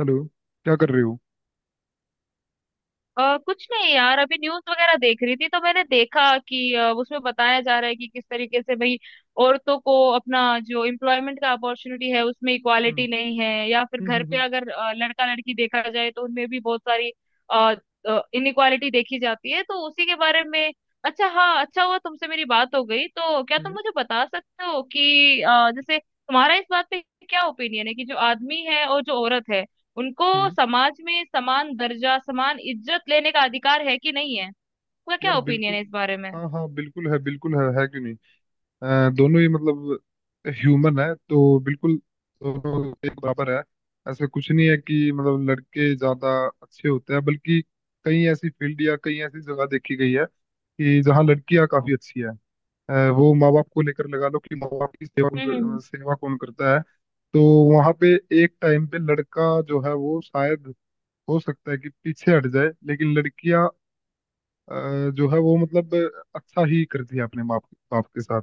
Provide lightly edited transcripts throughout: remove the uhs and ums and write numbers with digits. Hello. क्या कर रहे हो? कुछ नहीं यार, अभी न्यूज वगैरह देख रही थी तो मैंने देखा कि उसमें बताया जा रहा है कि किस तरीके से भाई औरतों को अपना जो एम्प्लॉयमेंट का अपॉर्चुनिटी है उसमें हम्म। इक्वालिटी नहीं है, या फिर हम्म। घर हम्म। पे हम्म। अगर लड़का लड़की देखा जाए तो उनमें भी बहुत सारी इनइक्वालिटी देखी जाती है, तो उसी के बारे में। अच्छा हाँ, अच्छा हुआ तुमसे मेरी बात हो गई, तो क्या तुम हम्म। मुझे बता सकते हो कि जैसे तुम्हारा इस बात पे क्या ओपिनियन है कि जो आदमी है और जो औरत है, उनको हम्म, समाज में समान दर्जा, समान इज्जत लेने का अधिकार है कि नहीं है। आपका क्या यार ओपिनियन बिल्कुल। है इस बारे में। हाँ हाँ, बिल्कुल है, बिल्कुल है क्यों नहीं? दोनों ही मतलब ह्यूमन है तो बिल्कुल दोनों एक बराबर है। ऐसा कुछ नहीं है कि मतलब लड़के ज्यादा अच्छे होते हैं, बल्कि कई ऐसी फील्ड या कई ऐसी जगह देखी गई है कि जहाँ लड़कियाँ काफी अच्छी है। वो माँ बाप को लेकर लगा लो कि माँ बाप की सेवा हम्म, हम्म, सेवा कौन करता है? तो वहां पे एक टाइम पे लड़का जो है वो शायद हो सकता है कि पीछे हट जाए, लेकिन लड़कियां जो है वो मतलब अच्छा ही करती है अपने माँ बाप के साथ।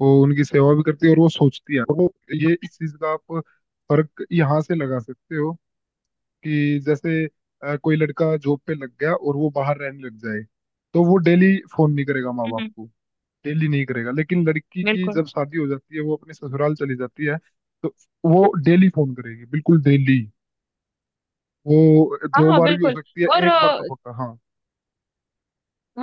वो उनकी सेवा भी करती है, और वो सोचती है, और वो ये इस चीज का आप फर्क यहाँ से लगा सकते हो कि जैसे कोई लड़का जॉब पे लग गया और वो बाहर रहने लग जाए तो वो डेली फोन नहीं करेगा माँ हम्म, बाप हम्म, को। डेली नहीं करेगा, लेकिन लड़की की बिल्कुल। जब शादी हो जाती है वो अपने ससुराल चली जाती है तो वो डेली फोन करेगी, बिल्कुल डेली। वो हाँ दो हाँ, बार भी हो बिल्कुल। सकती है, और एक बार तो पक्का। हाँ।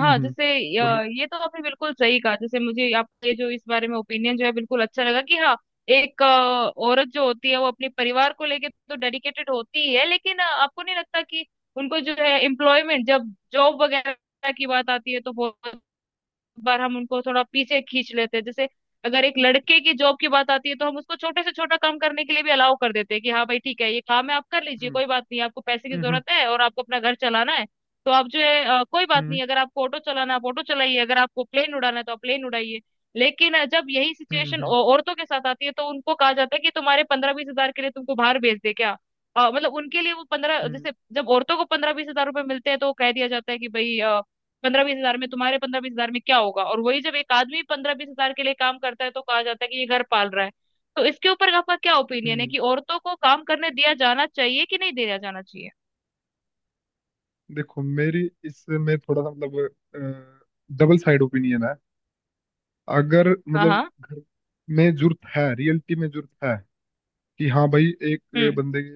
हम्म। हम्म। जैसे, बोलो। ये तो आपने बिल्कुल सही कहा, जैसे मुझे आपका ये जो इस बारे में ओपिनियन जो है बिल्कुल अच्छा लगा कि हाँ, एक औरत जो होती है वो अपने परिवार को लेके तो डेडिकेटेड होती ही है। लेकिन आपको नहीं लगता कि उनको जो है एम्प्लॉयमेंट, जब जॉब वगैरह की बात आती है तो बहुत बार हम उनको थोड़ा पीछे खींच लेते हैं। जैसे अगर एक लड़के की जॉब की बात आती है तो हम उसको छोटे से छोटा काम करने के लिए भी अलाउ कर देते हैं कि हाँ भाई ठीक है, ये काम है, आप कर लीजिए, हम्म। कोई बात नहीं, आपको पैसे की हम्म। जरूरत है और आपको अपना घर चलाना है, तो आप जो है कोई बात हम्म। नहीं, अगर आपको ऑटो चलाना है आप ऑटो चलाइए, अगर आपको प्लेन उड़ाना है तो आप प्लेन उड़ाइए। लेकिन जब यही हम्म। सिचुएशन हम्म। औरतों के साथ आती है तो उनको कहा जाता है कि तुम्हारे 15-20 हजार के लिए तुमको बाहर भेज दे क्या। मतलब उनके लिए वो पंद्रह, हम्म। जैसे जब औरतों को 15-20 हजार रुपए मिलते हैं तो कह दिया जाता है कि भाई 15-20 हजार में, तुम्हारे पंद्रह बीस हजार में क्या होगा। और वही जब एक आदमी 15-20 हजार के लिए काम करता है तो कहा जाता है कि ये घर पाल रहा है। तो इसके ऊपर आपका क्या ओपिनियन है हम्म। कि औरतों को काम करने दिया जाना चाहिए कि नहीं दिया जाना चाहिए। देखो, मेरी इसमें थोड़ा सा मतलब डबल साइड ओपिनियन है। अगर हाँ मतलब हाँ। घर में जरूरत है, रियलिटी में जरूरत है कि हाँ भाई एक हम्म, बंदे की,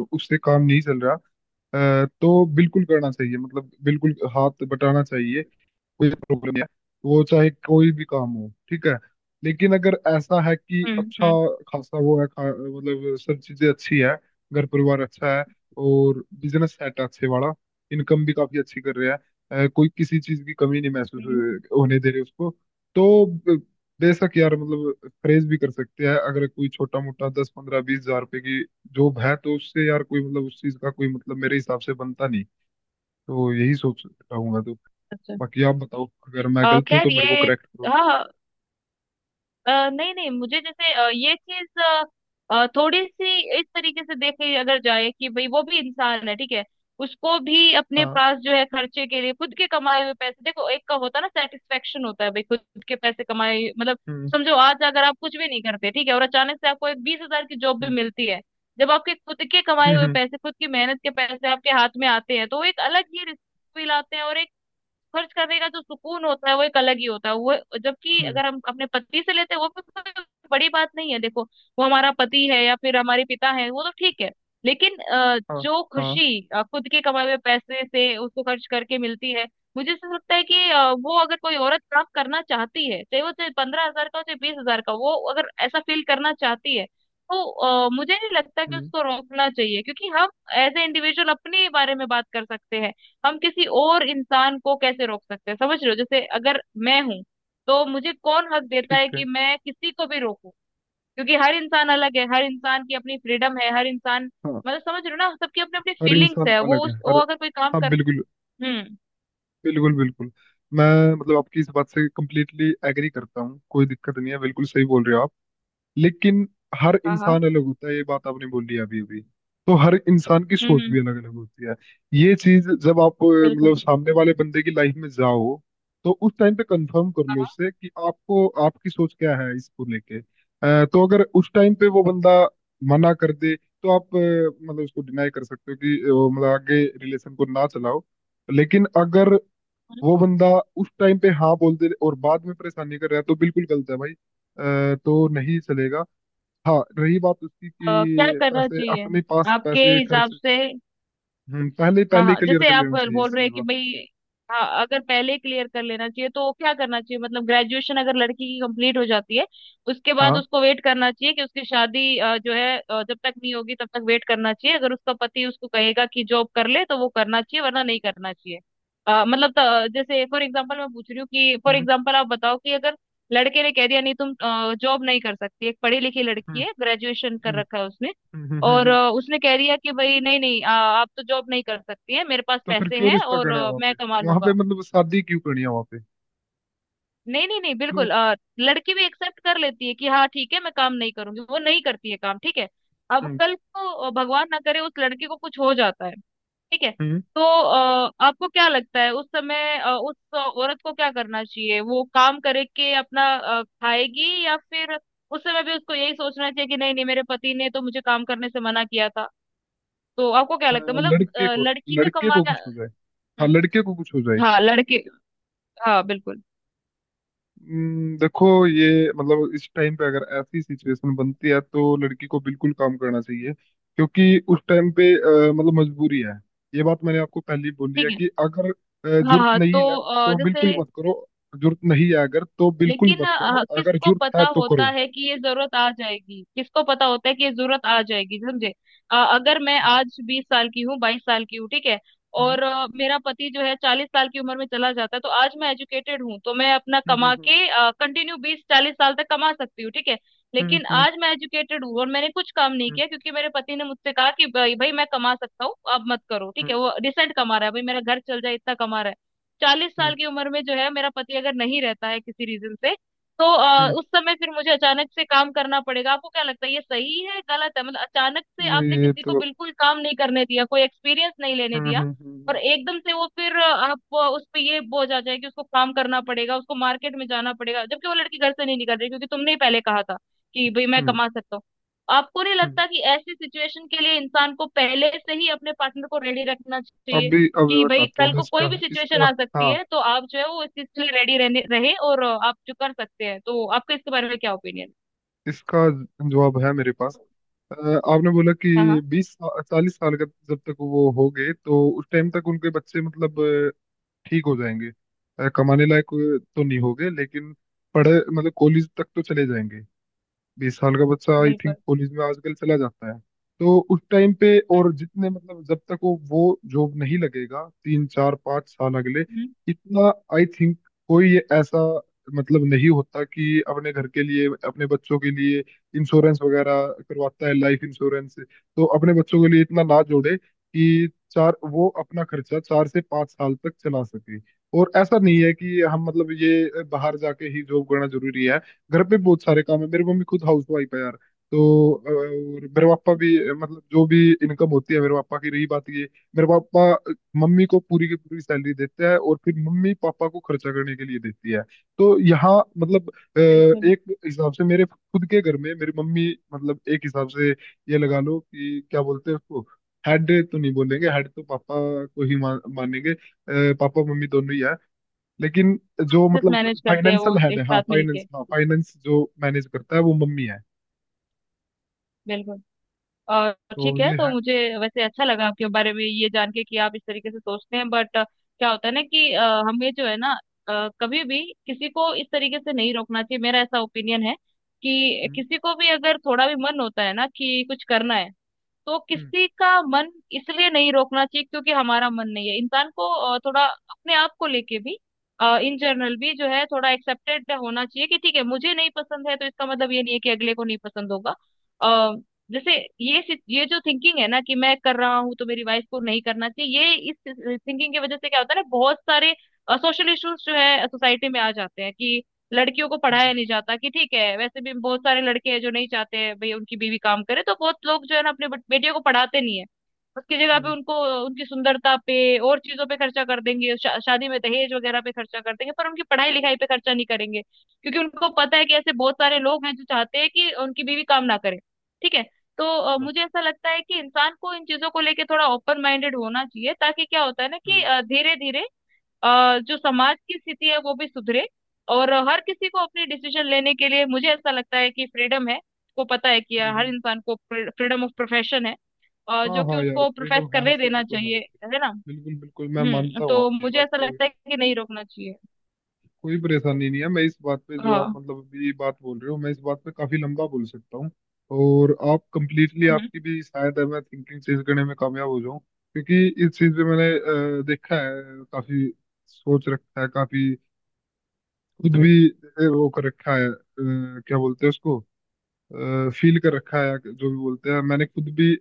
उससे काम नहीं चल रहा, तो बिल्कुल करना चाहिए, मतलब बिल्कुल हाथ बटाना चाहिए। कोई प्रॉब्लम नहीं है। वो चाहे कोई भी काम हो, ठीक है। लेकिन अगर ऐसा है कि हम्म, अच्छा हम्म, खासा वो है मतलब सब चीजें अच्छी है, घर परिवार अच्छा है, और बिजनेस सेट है अच्छे वाला, इनकम भी काफी अच्छी कर रहा है, कोई किसी चीज की कमी नहीं हम्म, होने दे रही उसको, तो बेशक यार मतलब प्रेज भी कर सकते हैं। अगर कोई छोटा मोटा 10-15-20 हजार रुपए की जॉब है तो उससे यार कोई मतलब, उस चीज का कोई मतलब मेरे हिसाब से बनता नहीं। तो यही सोच रहा हूँ मैं तो। अच्छा। बाकी आप बताओ, अगर मैं गलत हूँ खैर तो ये मेरे को करेक्ट करो। हाँ हाँ। नहीं नहीं, मुझे जैसे अ, ये चीज अ, अ, थोड़ी सी इस तरीके से देखे अगर जाए कि भाई वो भी इंसान है, ठीक है, उसको भी अपने हाँ। पास जो है खर्चे के लिए खुद के कमाए हुए पैसे, देखो एक का होता है ना सेटिस्फेक्शन, होता है भाई खुद के पैसे कमाए, मतलब हम्म। समझो आज अगर आप कुछ भी नहीं करते, ठीक है, और अचानक से आपको एक 20 हजार की जॉब हम्म। भी मिलती है, जब आपके खुद के कमाए हम्म। हुए हम्म। पैसे, खुद की मेहनत के पैसे आपके हाथ में आते हैं, तो वो एक अलग ही रिस्क फील आते हैं। और एक खर्च करने का जो सुकून होता है वो एक अलग ही होता है, वो जबकि हम्म। अगर हम अपने पति से लेते हैं वो भी तो कोई बड़ी बात नहीं है, देखो वो हमारा पति है या फिर हमारे पिता है वो तो ठीक है। लेकिन हाँ जो हाँ। खुशी खुद के कमाए हुए पैसे से उसको खर्च करके मिलती है, मुझे ऐसा लगता है कि वो अगर कोई औरत काम करना चाहती है, चाहे वो चाहे 15 हजार का हो चाहे 20 हजार का, वो अगर ऐसा फील करना चाहती है तो मुझे नहीं लगता कि हम्म। उसको रोकना चाहिए। क्योंकि हम एज ए इंडिविजुअल अपने बारे में बात कर सकते हैं, हम किसी और इंसान को कैसे रोक सकते हैं, समझ रहे हो। जैसे अगर मैं हूं तो मुझे कौन हक देता है ठीक है। कि मैं किसी को भी रोकूं। क्योंकि हर इंसान अलग है, हर इंसान की अपनी फ्रीडम है, हर इंसान, हाँ। मतलब समझ रहे हो ना सबकी अपनी अपनी हर फीलिंग्स इंसान है, वो अलग है, उस वो हर। अगर कोई काम हाँ कर, बिल्कुल। हम्म, बिल्कुल बिल्कुल। मैं मतलब आपकी इस बात से कंप्लीटली एग्री करता हूँ, कोई दिक्कत नहीं है, बिल्कुल सही बोल रहे हो आप। लेकिन हर हाँ हाँ, इंसान अलग होता है, ये बात आपने बोली अभी अभी, तो हर इंसान की हम्म, सोच भी हम्म, अलग अलग होती है। ये चीज जब आप बिल्कुल, मतलब सामने वाले बंदे की लाइफ में जाओ तो उस टाइम पे कंफर्म कर हाँ, लो हाँ, उससे कि आपको आपकी सोच क्या है इसको लेके, तो अगर उस टाइम पे वो बंदा मना कर दे तो आप, मतलब उसको डिनाई कर सकते हो कि वो मतलब आगे रिलेशन को ना चलाओ। लेकिन अगर हम्म। वो बंदा उस टाइम पे हाँ बोल दे और बाद में परेशानी कर रहा है तो बिल्कुल गलत है भाई, तो नहीं चलेगा। हाँ, रही बात उसकी क्या कि करना पैसे चाहिए अपने पास आपके पैसे खर्च। हिसाब से। पहले हाँ पहले ही हाँ, क्लियर जैसे कर आप लेना चाहिए इस बोल रहे चीज हैं कि को। भाई हाँ, अगर पहले क्लियर कर लेना चाहिए तो क्या करना चाहिए, मतलब ग्रेजुएशन अगर लड़की की कंप्लीट हो जाती है उसके बाद हाँ। उसको वेट करना चाहिए कि उसकी शादी जब तक नहीं होगी तब तक वेट करना चाहिए, अगर उसका पति उसको कहेगा कि जॉब कर ले तो वो करना चाहिए वरना नहीं करना चाहिए। जैसे फॉर एग्जाम्पल मैं पूछ रही हूँ कि फॉर हम्म। एग्जाम्पल आप बताओ कि अगर लड़के ने कह दिया नहीं, तुम जॉब नहीं कर सकती, एक पढ़ी लिखी लड़की हम्म। है, ग्रेजुएशन हम्म। कर रखा है उसने, हम्म। हम्म। हम्म। और हम्म। उसने कह दिया कि भाई नहीं नहीं, आप तो जॉब नहीं कर सकती हैं, मेरे पास तो फिर पैसे क्यों हैं रिश्ता और करना है वहां पे? मैं कमा वहां पे लूंगा। मतलब शादी क्यों करनी है वहां पे? नहीं नहीं नहीं, क्यों? बिल्कुल लड़की भी एक्सेप्ट कर लेती है कि हाँ ठीक है मैं काम नहीं करूंगी, वो नहीं करती है काम, ठीक है। अब हम्म। कल को भगवान ना करे उस लड़की को कुछ हो जाता है, ठीक है, हम्म। तो आपको क्या लगता है उस समय उस औरत को क्या करना चाहिए, वो काम करके अपना खाएगी या फिर उस समय भी उसको यही सोचना चाहिए कि नहीं नहीं मेरे पति ने तो मुझे काम करने से मना किया था। तो आपको क्या अ, लगता है, मतलब लड़के को लड़की का लड़के को कमाना, कुछ हो जाए। हाँ, हम्म, लड़के को कुछ हो जाए। हाँ लड़के, हाँ बिल्कुल। देखो ये मतलब इस टाइम पे अगर ऐसी सिचुएशन बनती है तो लड़की को बिल्कुल काम करना चाहिए, क्योंकि उस टाइम पे मतलब मजबूरी है। ये बात मैंने आपको पहले ही बोली ठीक है है, कि अगर हाँ जरूरत हाँ, नहीं तो है तो बिल्कुल जैसे मत करो। जरूरत नहीं है अगर तो बिल्कुल लेकिन मत करो, अगर किसको जरूरत पता है तो होता करो। है कि ये जरूरत आ जाएगी, किसको पता होता है कि ये जरूरत आ जाएगी, समझे। अगर मैं हम्म। आज 20 साल की हूँ, 22 साल की हूँ, ठीक है, हम्म। और मेरा पति जो है 40 साल की उम्र में चला जाता है, तो आज मैं एजुकेटेड हूँ तो मैं अपना कमा हम्म। के कंटिन्यू 20-40 साल तक कमा सकती हूँ, ठीक है। हम्म। लेकिन हम्म। आज मैं एजुकेटेड हूँ और मैंने कुछ काम नहीं हम्म। किया क्योंकि मेरे पति ने मुझसे कहा कि भाई भाई मैं कमा सकता हूँ अब मत करो, ठीक है, हम्म। वो रिसेंट कमा रहा है भाई, मेरा घर चल जाए इतना कमा रहा है। चालीस हम्म। साल की उम्र में जो है मेरा पति अगर नहीं रहता है किसी रीजन से, तो हम्म। उस समय फिर मुझे अचानक से काम करना पड़ेगा। आपको क्या लगता है ये सही है, गलत है। मतलब अचानक से आपने ये किसी को तो। बिल्कुल काम नहीं करने दिया, कोई एक्सपीरियंस नहीं लेने हम्म। दिया, हम्म। और हम्म। एकदम से वो फिर उस पे ये बोझ आ जाए कि उसको काम करना पड़ेगा, उसको मार्केट में जाना पड़ेगा, जबकि वो लड़की घर से नहीं निकल रही क्योंकि तुमने ही पहले कहा था कि भाई मैं हम्म। कमा सकता हूँ। आपको नहीं हम्म। लगता कि ऐसी सिचुएशन के लिए इंसान को पहले से ही अपने पार्टनर को रेडी रखना चाहिए अभी अभी कि भाई बताता हूँ कल मैं को कोई इसका। भी सिचुएशन इसका आ सकती हाँ, है, तो आप जो है वो इस चीज के लिए रेडी रहने रहे, और आप जो कर सकते हैं, तो आपका इसके बारे में क्या ओपिनियन इसका जवाब है मेरे पास। अ, आपने बोला कि है। हाँ हाँ 20-40 साल का जब तक वो हो गए तो उस टाइम तक उनके बच्चे मतलब ठीक हो जाएंगे। कमाने लायक तो नहीं होंगे लेकिन पढ़े मतलब कॉलेज तक तो चले जाएंगे। 20 साल का बच्चा आई बिल्कुल, थिंक कॉलेज में आजकल चला जाता है। तो उस टाइम पे, और जितने मतलब जब तक वो जॉब नहीं लगेगा 3-4-5 साल अगले, हम्म, इतना आई थिंक कोई ये ऐसा मतलब नहीं होता कि अपने घर के लिए अपने बच्चों के लिए इंश्योरेंस वगैरह करवाता है लाइफ इंश्योरेंस, तो अपने बच्चों के लिए इतना ना जोड़े कि चार वो अपना खर्चा 4 से 5 साल तक चला सके। और ऐसा नहीं है कि हम मतलब ये बाहर जाके ही जॉब करना जरूरी है। घर पे बहुत सारे काम है, मेरी मम्मी खुद हाउस वाइफ है यार। तो और मेरे पापा भी, मतलब जो भी इनकम होती है मेरे पापा की, रही बात ये, मेरे पापा मम्मी को पूरी की पूरी सैलरी देते हैं और फिर मम्मी पापा को खर्चा करने के लिए देती है। तो यहाँ मतलब बिल्कुल। एक हिसाब से मेरे खुद के घर में मेरी मम्मी मतलब एक हिसाब से ये लगा लो कि क्या बोलते हैं उसको। हेड तो नहीं बोलेंगे, हेड तो पापा को ही मानेंगे। पापा मम्मी दोनों ही है। लेकिन जो सिर्फ मतलब मैनेज करते हैं वो फाइनेंशियल हेड एक है, हाँ साथ मिलके, फाइनेंस, हाँ फाइनेंस जो मैनेज करता है वो मम्मी है। बिल्कुल। और तो ठीक है, ये तो है। मुझे वैसे अच्छा लगा आपके बारे में ये जान के कि आप इस तरीके से सोचते हैं। बट क्या होता है ना कि हमें जो है ना, कभी भी किसी को इस तरीके से नहीं रोकना चाहिए, मेरा ऐसा ओपिनियन है कि हम्म। किसी को भी अगर थोड़ा भी मन होता है ना कि कुछ करना है, तो हम्म। किसी का मन इसलिए नहीं रोकना चाहिए क्योंकि हमारा मन नहीं है। इंसान को थोड़ा अपने आप को लेके भी, इन जनरल भी जो है थोड़ा एक्सेप्टेड होना चाहिए कि ठीक है मुझे नहीं पसंद है तो इसका मतलब ये नहीं है कि अगले को नहीं पसंद होगा। अ, जैसे ये जो थिंकिंग है ना कि मैं कर रहा हूँ तो मेरी वाइफ को नहीं करना चाहिए, ये इस थिंकिंग की वजह से क्या होता है ना, बहुत सारे सोशल इश्यूज जो है सोसाइटी में आ जाते हैं कि लड़कियों को हम्म। पढ़ाया नहीं जाता कि ठीक है, वैसे भी बहुत सारे लड़के हैं जो नहीं चाहते हैं भाई उनकी बीवी काम करे, तो बहुत लोग जो है ना अपने बेटियों को पढ़ाते नहीं है, उसकी जगह पे हम्म, उनको, उनकी सुंदरता पे और चीजों पे खर्चा कर देंगे, शादी में दहेज वगैरह पे खर्चा कर देंगे पर उनकी पढ़ाई लिखाई पे खर्चा नहीं करेंगे क्योंकि उनको पता है कि ऐसे बहुत सारे लोग हैं जो चाहते हैं कि उनकी बीवी काम ना करे, ठीक है। तो अच्छा। मुझे ऐसा लगता है कि इंसान को इन चीजों को लेके थोड़ा ओपन माइंडेड होना चाहिए ताकि क्या होता है ना कि हम्म। धीरे धीरे जो समाज की स्थिति है वो भी सुधरे, और हर किसी को अपनी डिसीजन लेने के लिए मुझे ऐसा लगता है कि फ्रीडम है, को पता है कि हम्म। हर हम्म। इंसान को फ्रीडम ऑफ प्रोफेशन है, हाँ जो कि हाँ यार, उसको प्रोफेस फ्रीडम है, करने सभी देना को है चाहिए, है freedom। ना। बिल्कुल बिल्कुल, मैं हम्म, मानता हूँ तो आपकी ये मुझे बात। ऐसा कोई लगता है कि नहीं रोकना चाहिए। कोई परेशानी नहीं है। मैं इस बात पे जो आप हाँ, मतलब अभी ये बात बोल रहे हो, मैं इस बात पे काफी लंबा बोल सकता हूँ, और आप कंप्लीटली, हम्म, आपकी भी शायद है, मैं थिंकिंग चेंज करने में कामयाब हो जाऊं, क्योंकि इस चीज पे मैंने देखा है काफी, सोच रखा है काफी, खुद भी वो कर रखा है, क्या बोलते हैं उसको, फील कर रखा है, जो भी बोलते हैं, मैंने खुद भी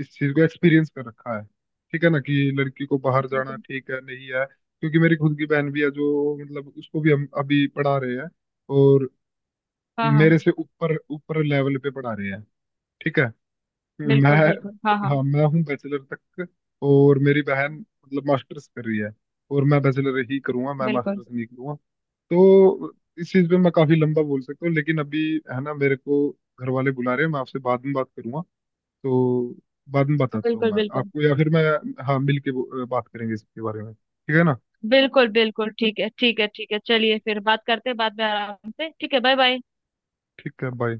इस चीज को एक्सपीरियंस कर रखा है। ठीक है ना कि लड़की को बाहर जाना बिल्कुल, ठीक है नहीं है, क्योंकि मेरी खुद की बहन भी है जो मतलब उसको भी हम अभी पढ़ा रहे हैं। और हाँ हाँ, मेरे से ऊपर ऊपर लेवल पे पढ़ा रहे हैं। ठीक है। बिल्कुल मैं बिल्कुल, हाँ हाँ, हाँ, मैं हूँ बैचलर तक। और मेरी बहन मतलब मास्टर्स कर रही है। और मैं बैचलर ही करूंगा, मैं बिल्कुल मास्टर्स नहीं करूंगा। तो इस चीज पे मैं काफी लंबा बोल सकता हूँ, लेकिन अभी है ना, मेरे को घर वाले बुला रहे हैं, मैं आपसे बाद में बात करूंगा। तो बाद में बताता हूँ बिल्कुल, मैं बिल्कुल आपको, या फिर मैं, हाँ, मिल के बात करेंगे इसके बारे में, ठीक है ना? बिल्कुल बिल्कुल। ठीक है ठीक है ठीक है, चलिए फिर बात करते हैं बाद में आराम से, ठीक है, बाय बाय। ठीक है, बाय।